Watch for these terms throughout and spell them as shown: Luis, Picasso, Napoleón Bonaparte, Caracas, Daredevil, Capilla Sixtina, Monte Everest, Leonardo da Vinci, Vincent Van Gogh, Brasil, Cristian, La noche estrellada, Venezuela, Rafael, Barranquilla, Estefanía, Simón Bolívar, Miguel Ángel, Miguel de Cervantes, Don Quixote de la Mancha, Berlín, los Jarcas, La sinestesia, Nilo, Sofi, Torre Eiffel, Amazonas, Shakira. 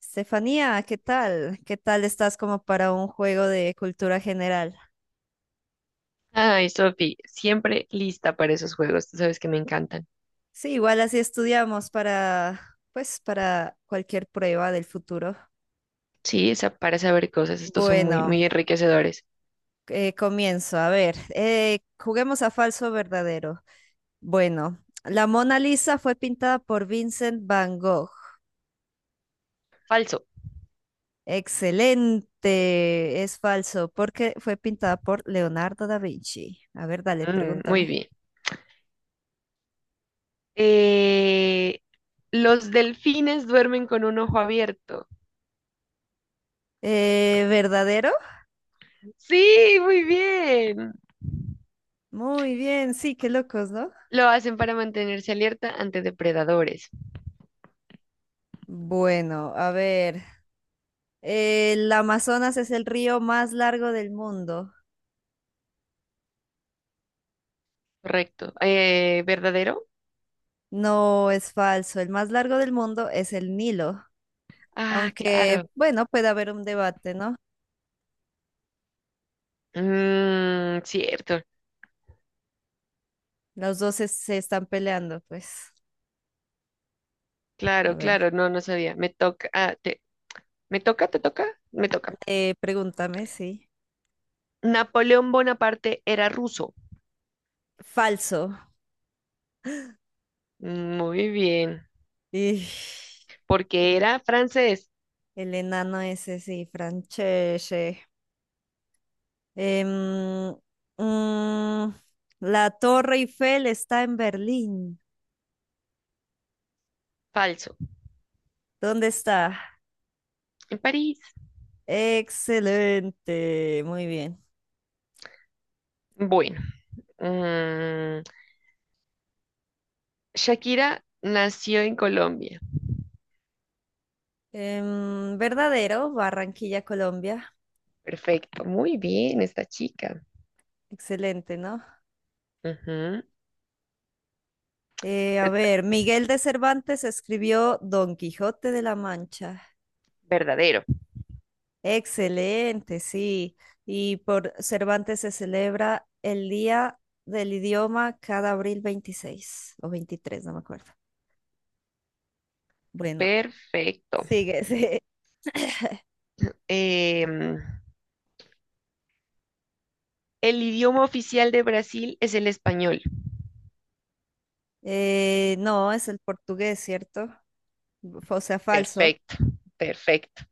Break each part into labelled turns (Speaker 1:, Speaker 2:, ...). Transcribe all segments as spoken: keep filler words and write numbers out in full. Speaker 1: Estefanía, ¿qué tal? ¿Qué tal estás como para un juego de cultura general?
Speaker 2: Ay, Sofi, siempre lista para esos juegos, tú sabes que me encantan.
Speaker 1: Sí, igual así estudiamos para, pues, para cualquier prueba del futuro.
Speaker 2: Sí, esa- para saber cosas, estos son muy,
Speaker 1: Bueno,
Speaker 2: muy enriquecedores.
Speaker 1: eh, comienzo. A ver, eh, juguemos a falso o verdadero. Bueno, la Mona Lisa fue pintada por Vincent Van Gogh.
Speaker 2: Falso.
Speaker 1: Excelente, es falso, porque fue pintada por Leonardo da Vinci. A ver, dale,
Speaker 2: Mm, muy
Speaker 1: pregúntame.
Speaker 2: bien. Eh, los delfines duermen con un ojo abierto.
Speaker 1: Eh, ¿verdadero?
Speaker 2: Sí, muy bien.
Speaker 1: Muy bien, sí, qué locos, ¿no?
Speaker 2: Lo hacen para mantenerse alerta ante depredadores.
Speaker 1: Bueno, a ver, el Amazonas es el río más largo del mundo.
Speaker 2: Correcto. Eh, ¿verdadero?
Speaker 1: No, es falso, el más largo del mundo es el Nilo,
Speaker 2: Ah,
Speaker 1: aunque,
Speaker 2: claro.
Speaker 1: bueno, puede haber un debate, ¿no?
Speaker 2: Mm, cierto.
Speaker 1: Los dos se, se están peleando, pues. A
Speaker 2: Claro,
Speaker 1: ver,
Speaker 2: claro. No, no sabía. Me toca. Ah, te, ¿me toca? ¿Te toca? Me toca.
Speaker 1: eh, pregúntame, sí.
Speaker 2: Napoleón Bonaparte era ruso.
Speaker 1: Falso.
Speaker 2: Muy bien.
Speaker 1: Y
Speaker 2: Porque
Speaker 1: el,
Speaker 2: era francés.
Speaker 1: el enano ese, sí, Francesche. Em, mm, la Torre Eiffel está en Berlín.
Speaker 2: Falso.
Speaker 1: ¿Dónde está?
Speaker 2: En París.
Speaker 1: Excelente, muy bien.
Speaker 2: Bueno. mm, Shakira nació en Colombia.
Speaker 1: Em, verdadero, Barranquilla, Colombia.
Speaker 2: Perfecto. Muy bien, esta chica.
Speaker 1: Excelente, ¿no?
Speaker 2: Ujú.
Speaker 1: Eh, a
Speaker 2: Eta-
Speaker 1: ver, Miguel de Cervantes escribió Don Quijote de la Mancha.
Speaker 2: Verdadero.
Speaker 1: Excelente, sí. Y por Cervantes se celebra el Día del Idioma cada abril veintiséis o veintitrés, no me acuerdo. Bueno,
Speaker 2: Perfecto.
Speaker 1: sigue. Sí.
Speaker 2: Em, el idioma oficial de Brasil es el español.
Speaker 1: Eh, no, es el portugués, ¿cierto? F- O sea, falso.
Speaker 2: Perfecto. Perfecto.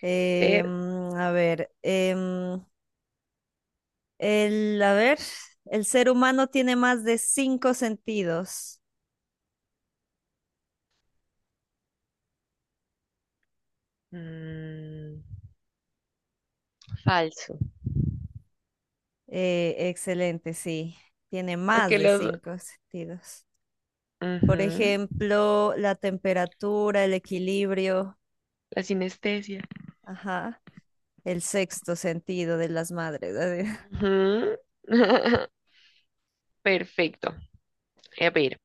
Speaker 1: Eh,
Speaker 2: Per-
Speaker 1: mm, a ver, em, el, a ver, el ser humano tiene más de cinco sentidos.
Speaker 2: mm, falso.
Speaker 1: Eh, excelente, sí, tiene más
Speaker 2: Aunque
Speaker 1: de
Speaker 2: los...
Speaker 1: cinco sentidos.
Speaker 2: ujú.
Speaker 1: Por ejemplo, la temperatura, el equilibrio,
Speaker 2: La sinestesia.
Speaker 1: ajá, el sexto sentido de las madres.
Speaker 2: Ujú. Perfecto. A ver.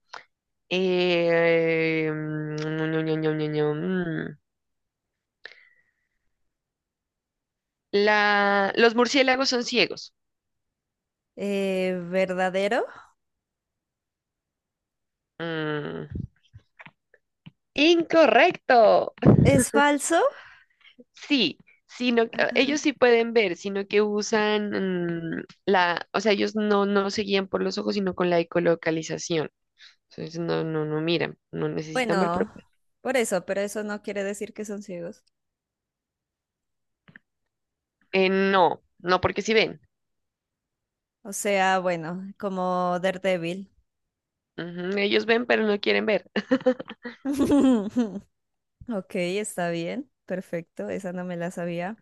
Speaker 2: Eh, mm, ño, ño, ño, ño, ño, mm. La... los murciélagos son ciegos.
Speaker 1: Eh, ¿verdadero?
Speaker 2: Mm, Incorrecto.
Speaker 1: ¿Es falso?
Speaker 2: Sí, sino ellos
Speaker 1: Ah.
Speaker 2: sí pueden ver, sino que usan mm, la, o sea, ellos no, no se guían por los ojos, sino con la ecolocalización. Entonces no, no, no miran, no necesitan ver, pero
Speaker 1: Bueno, por eso, pero eso no quiere decir que son ciegos.
Speaker 2: eh, no, no porque sí ven.
Speaker 1: O sea, bueno, como Daredevil.
Speaker 2: Ujú. Ellos ven, pero no quieren ver.
Speaker 1: Ok, está bien, perfecto, esa no me la sabía.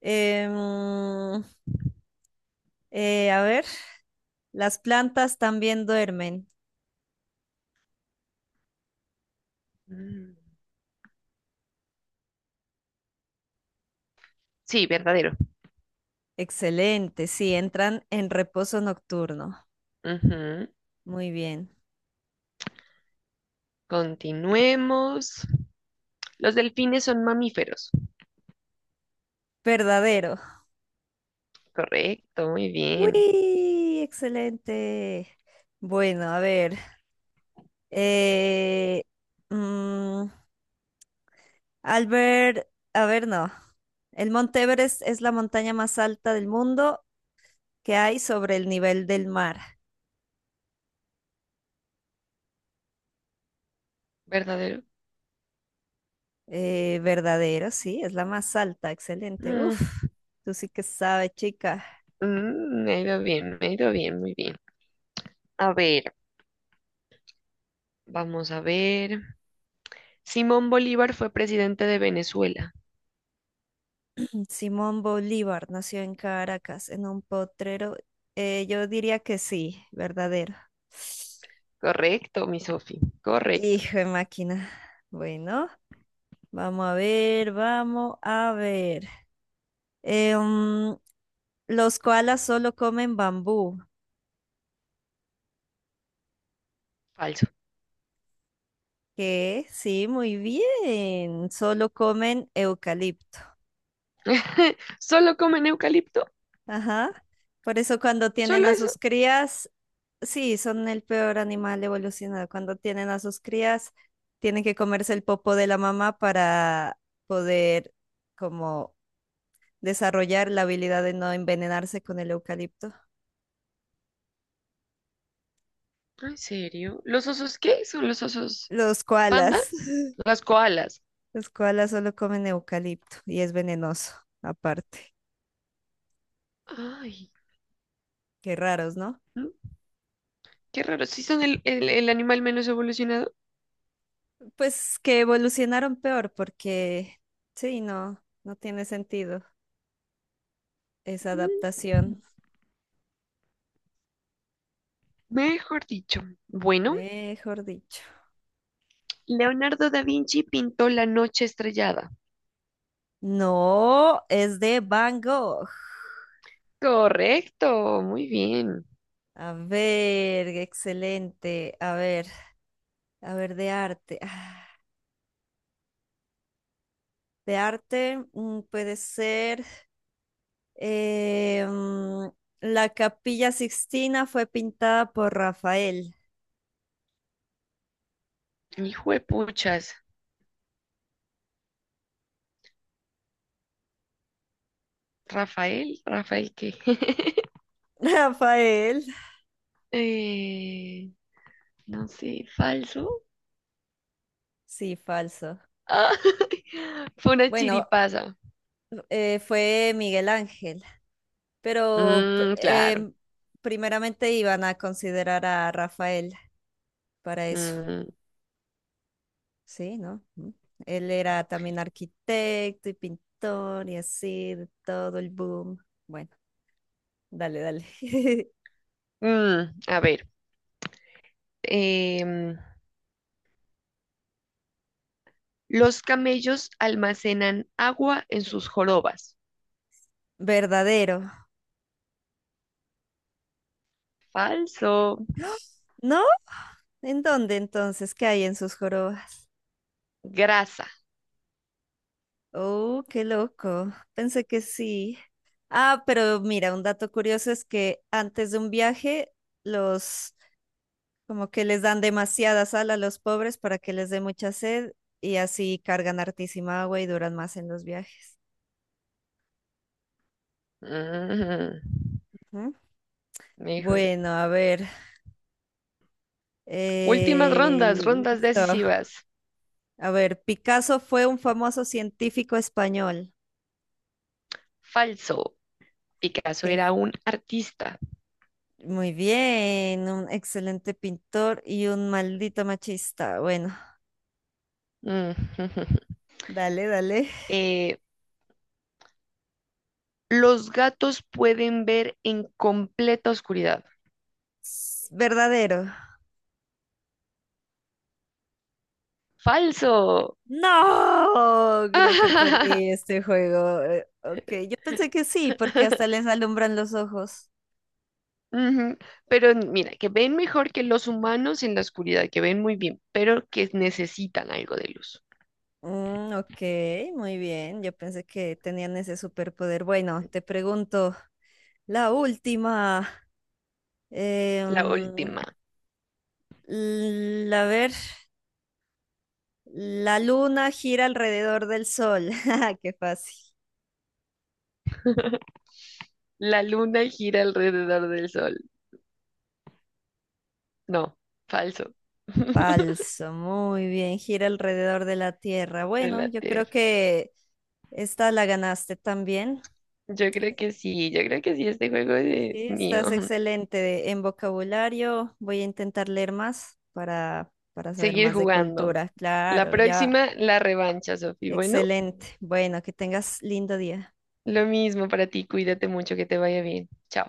Speaker 1: Em, eh, a ver, las plantas también duermen.
Speaker 2: Mm, sí, verdadero.
Speaker 1: Excelente, sí, entran en reposo nocturno.
Speaker 2: Ujú.
Speaker 1: Muy bien,
Speaker 2: Continuemos. Los delfines son mamíferos.
Speaker 1: verdadero.
Speaker 2: Correcto, muy bien.
Speaker 1: ¡Uy! Excelente. Bueno, a ver. eh, mm, Albert, a ver, no. El Monte Everest es la montaña más alta del mundo que hay sobre el nivel del mar.
Speaker 2: ¿Verdadero?
Speaker 1: Eh, verdadero, sí, es la más alta, excelente.
Speaker 2: Mm,
Speaker 1: Uf, tú sí que sabes, chica.
Speaker 2: mm, me ha ido bien, me ha ido bien, muy bien. A ver, vamos a ver. Simón Bolívar fue presidente de Venezuela.
Speaker 1: Simón Bolívar nació en Caracas, en un potrero. Eh, yo diría que sí, verdadero.
Speaker 2: Correcto, mi Sofi. Correcto.
Speaker 1: Hijo de máquina. Bueno, vamos a ver, vamos a ver. Eh, mm, los koalas solo comen bambú.
Speaker 2: Falso.
Speaker 1: Que sí, muy bien. Solo comen eucalipto.
Speaker 2: ¿Solo comen eucalipto?
Speaker 1: Ajá. Por eso cuando tienen
Speaker 2: ¿Solo
Speaker 1: a
Speaker 2: eso?
Speaker 1: sus crías, sí, son el peor animal evolucionado. Cuando tienen a sus crías, tienen que comerse el popo de la mamá para poder como desarrollar la habilidad de no envenenarse con el eucalipto.
Speaker 2: Ah, ¿en serio? ¿Los osos qué? ¿Son los osos
Speaker 1: Los
Speaker 2: panda?
Speaker 1: koalas.
Speaker 2: Las koalas.
Speaker 1: Los koalas solo comen eucalipto y es venenoso, aparte.
Speaker 2: Ay.
Speaker 1: Qué raros, ¿no?
Speaker 2: ¿No? Qué raro, si son el, el- el animal menos evolucionado.
Speaker 1: Pues que evolucionaron peor porque sí, no, no tiene sentido esa
Speaker 2: Mm,
Speaker 1: adaptación,
Speaker 2: Mejor dicho. Bueno,
Speaker 1: mejor dicho.
Speaker 2: Leonardo da Vinci pintó La noche estrellada.
Speaker 1: No, es de Van Gogh.
Speaker 2: Correcto, muy bien.
Speaker 1: A ver, excelente. A ver, a ver, de arte. Ah, de arte mm, puede ser eh, mm, la Capilla Sixtina fue pintada por Rafael.
Speaker 2: Hijo de puchas. Rafael, Rafael, ¿qué?
Speaker 1: Rafael.
Speaker 2: Eh, no sé, falso.
Speaker 1: Sí, falso.
Speaker 2: Ah, fue una
Speaker 1: Bueno,
Speaker 2: chiripaza.
Speaker 1: eh, fue Miguel Ángel. Pero pr-
Speaker 2: Mm, claro.
Speaker 1: em, primeramente iban a considerar a Rafael para eso,
Speaker 2: Mm,
Speaker 1: ¿sí? ¿No? Mm. Él era también arquitecto y pintor y así, de todo el boom. Bueno, dale, dale.
Speaker 2: mm, a ver, em, los camellos almacenan agua en sus jorobas.
Speaker 1: Verdadero.
Speaker 2: Falso.
Speaker 1: ¿No? ¿En dónde entonces? ¿Qué hay en sus jorobas?
Speaker 2: Grasa.
Speaker 1: Oh, qué loco. Pensé que sí. Ah, pero mira, un dato curioso es que antes de un viaje, los. Como que les dan demasiada sal a los pobres para que les dé mucha sed y así cargan hartísima agua y duran más en los viajes.
Speaker 2: Ujú.
Speaker 1: Ujú.
Speaker 2: Híjole.
Speaker 1: Bueno, a ver.
Speaker 2: Últimas
Speaker 1: eh,
Speaker 2: rondas, rondas
Speaker 1: listo.
Speaker 2: decisivas.
Speaker 1: A ver, Picasso fue un famoso científico español.
Speaker 2: Falso. Picasso
Speaker 1: Sí.
Speaker 2: era un artista.
Speaker 1: Muy bien, un excelente pintor y un maldito machista. Bueno,
Speaker 2: Ujú.
Speaker 1: dale, dale.
Speaker 2: Eh, los gatos pueden ver en completa oscuridad.
Speaker 1: S- Verdadero.
Speaker 2: Falso.
Speaker 1: No, creo que perdí este juego. Eh, Ok, yo pensé que sí, porque hasta les alumbran los ojos.
Speaker 2: Ujú. Pero mira, que ven mejor que los humanos en la oscuridad, que ven muy bien, pero que necesitan algo de luz.
Speaker 1: Mm, ok, muy bien. Yo pensé que tenían ese superpoder. Bueno, te pregunto, la última.
Speaker 2: La
Speaker 1: Em,
Speaker 2: última.
Speaker 1: l- a ver, la luna gira alrededor del sol. Ja, qué fácil.
Speaker 2: La luna gira alrededor del sol. No, falso.
Speaker 1: Falso, muy bien, gira alrededor de la Tierra.
Speaker 2: De
Speaker 1: Bueno,
Speaker 2: la
Speaker 1: yo creo
Speaker 2: Tierra.
Speaker 1: que esta la ganaste también.
Speaker 2: Yo creo que sí, yo creo que sí, este juego
Speaker 1: Sí,
Speaker 2: es mío.
Speaker 1: estás excelente en vocabulario. Voy a intentar leer más para, para saber
Speaker 2: Seguir
Speaker 1: más de
Speaker 2: jugando.
Speaker 1: cultura.
Speaker 2: La
Speaker 1: Claro, ya.
Speaker 2: próxima, la revancha, Sofi. Bueno,
Speaker 1: Excelente. Bueno, que tengas lindo día.
Speaker 2: lo mismo para ti, cuídate mucho, que te vaya bien. Chao.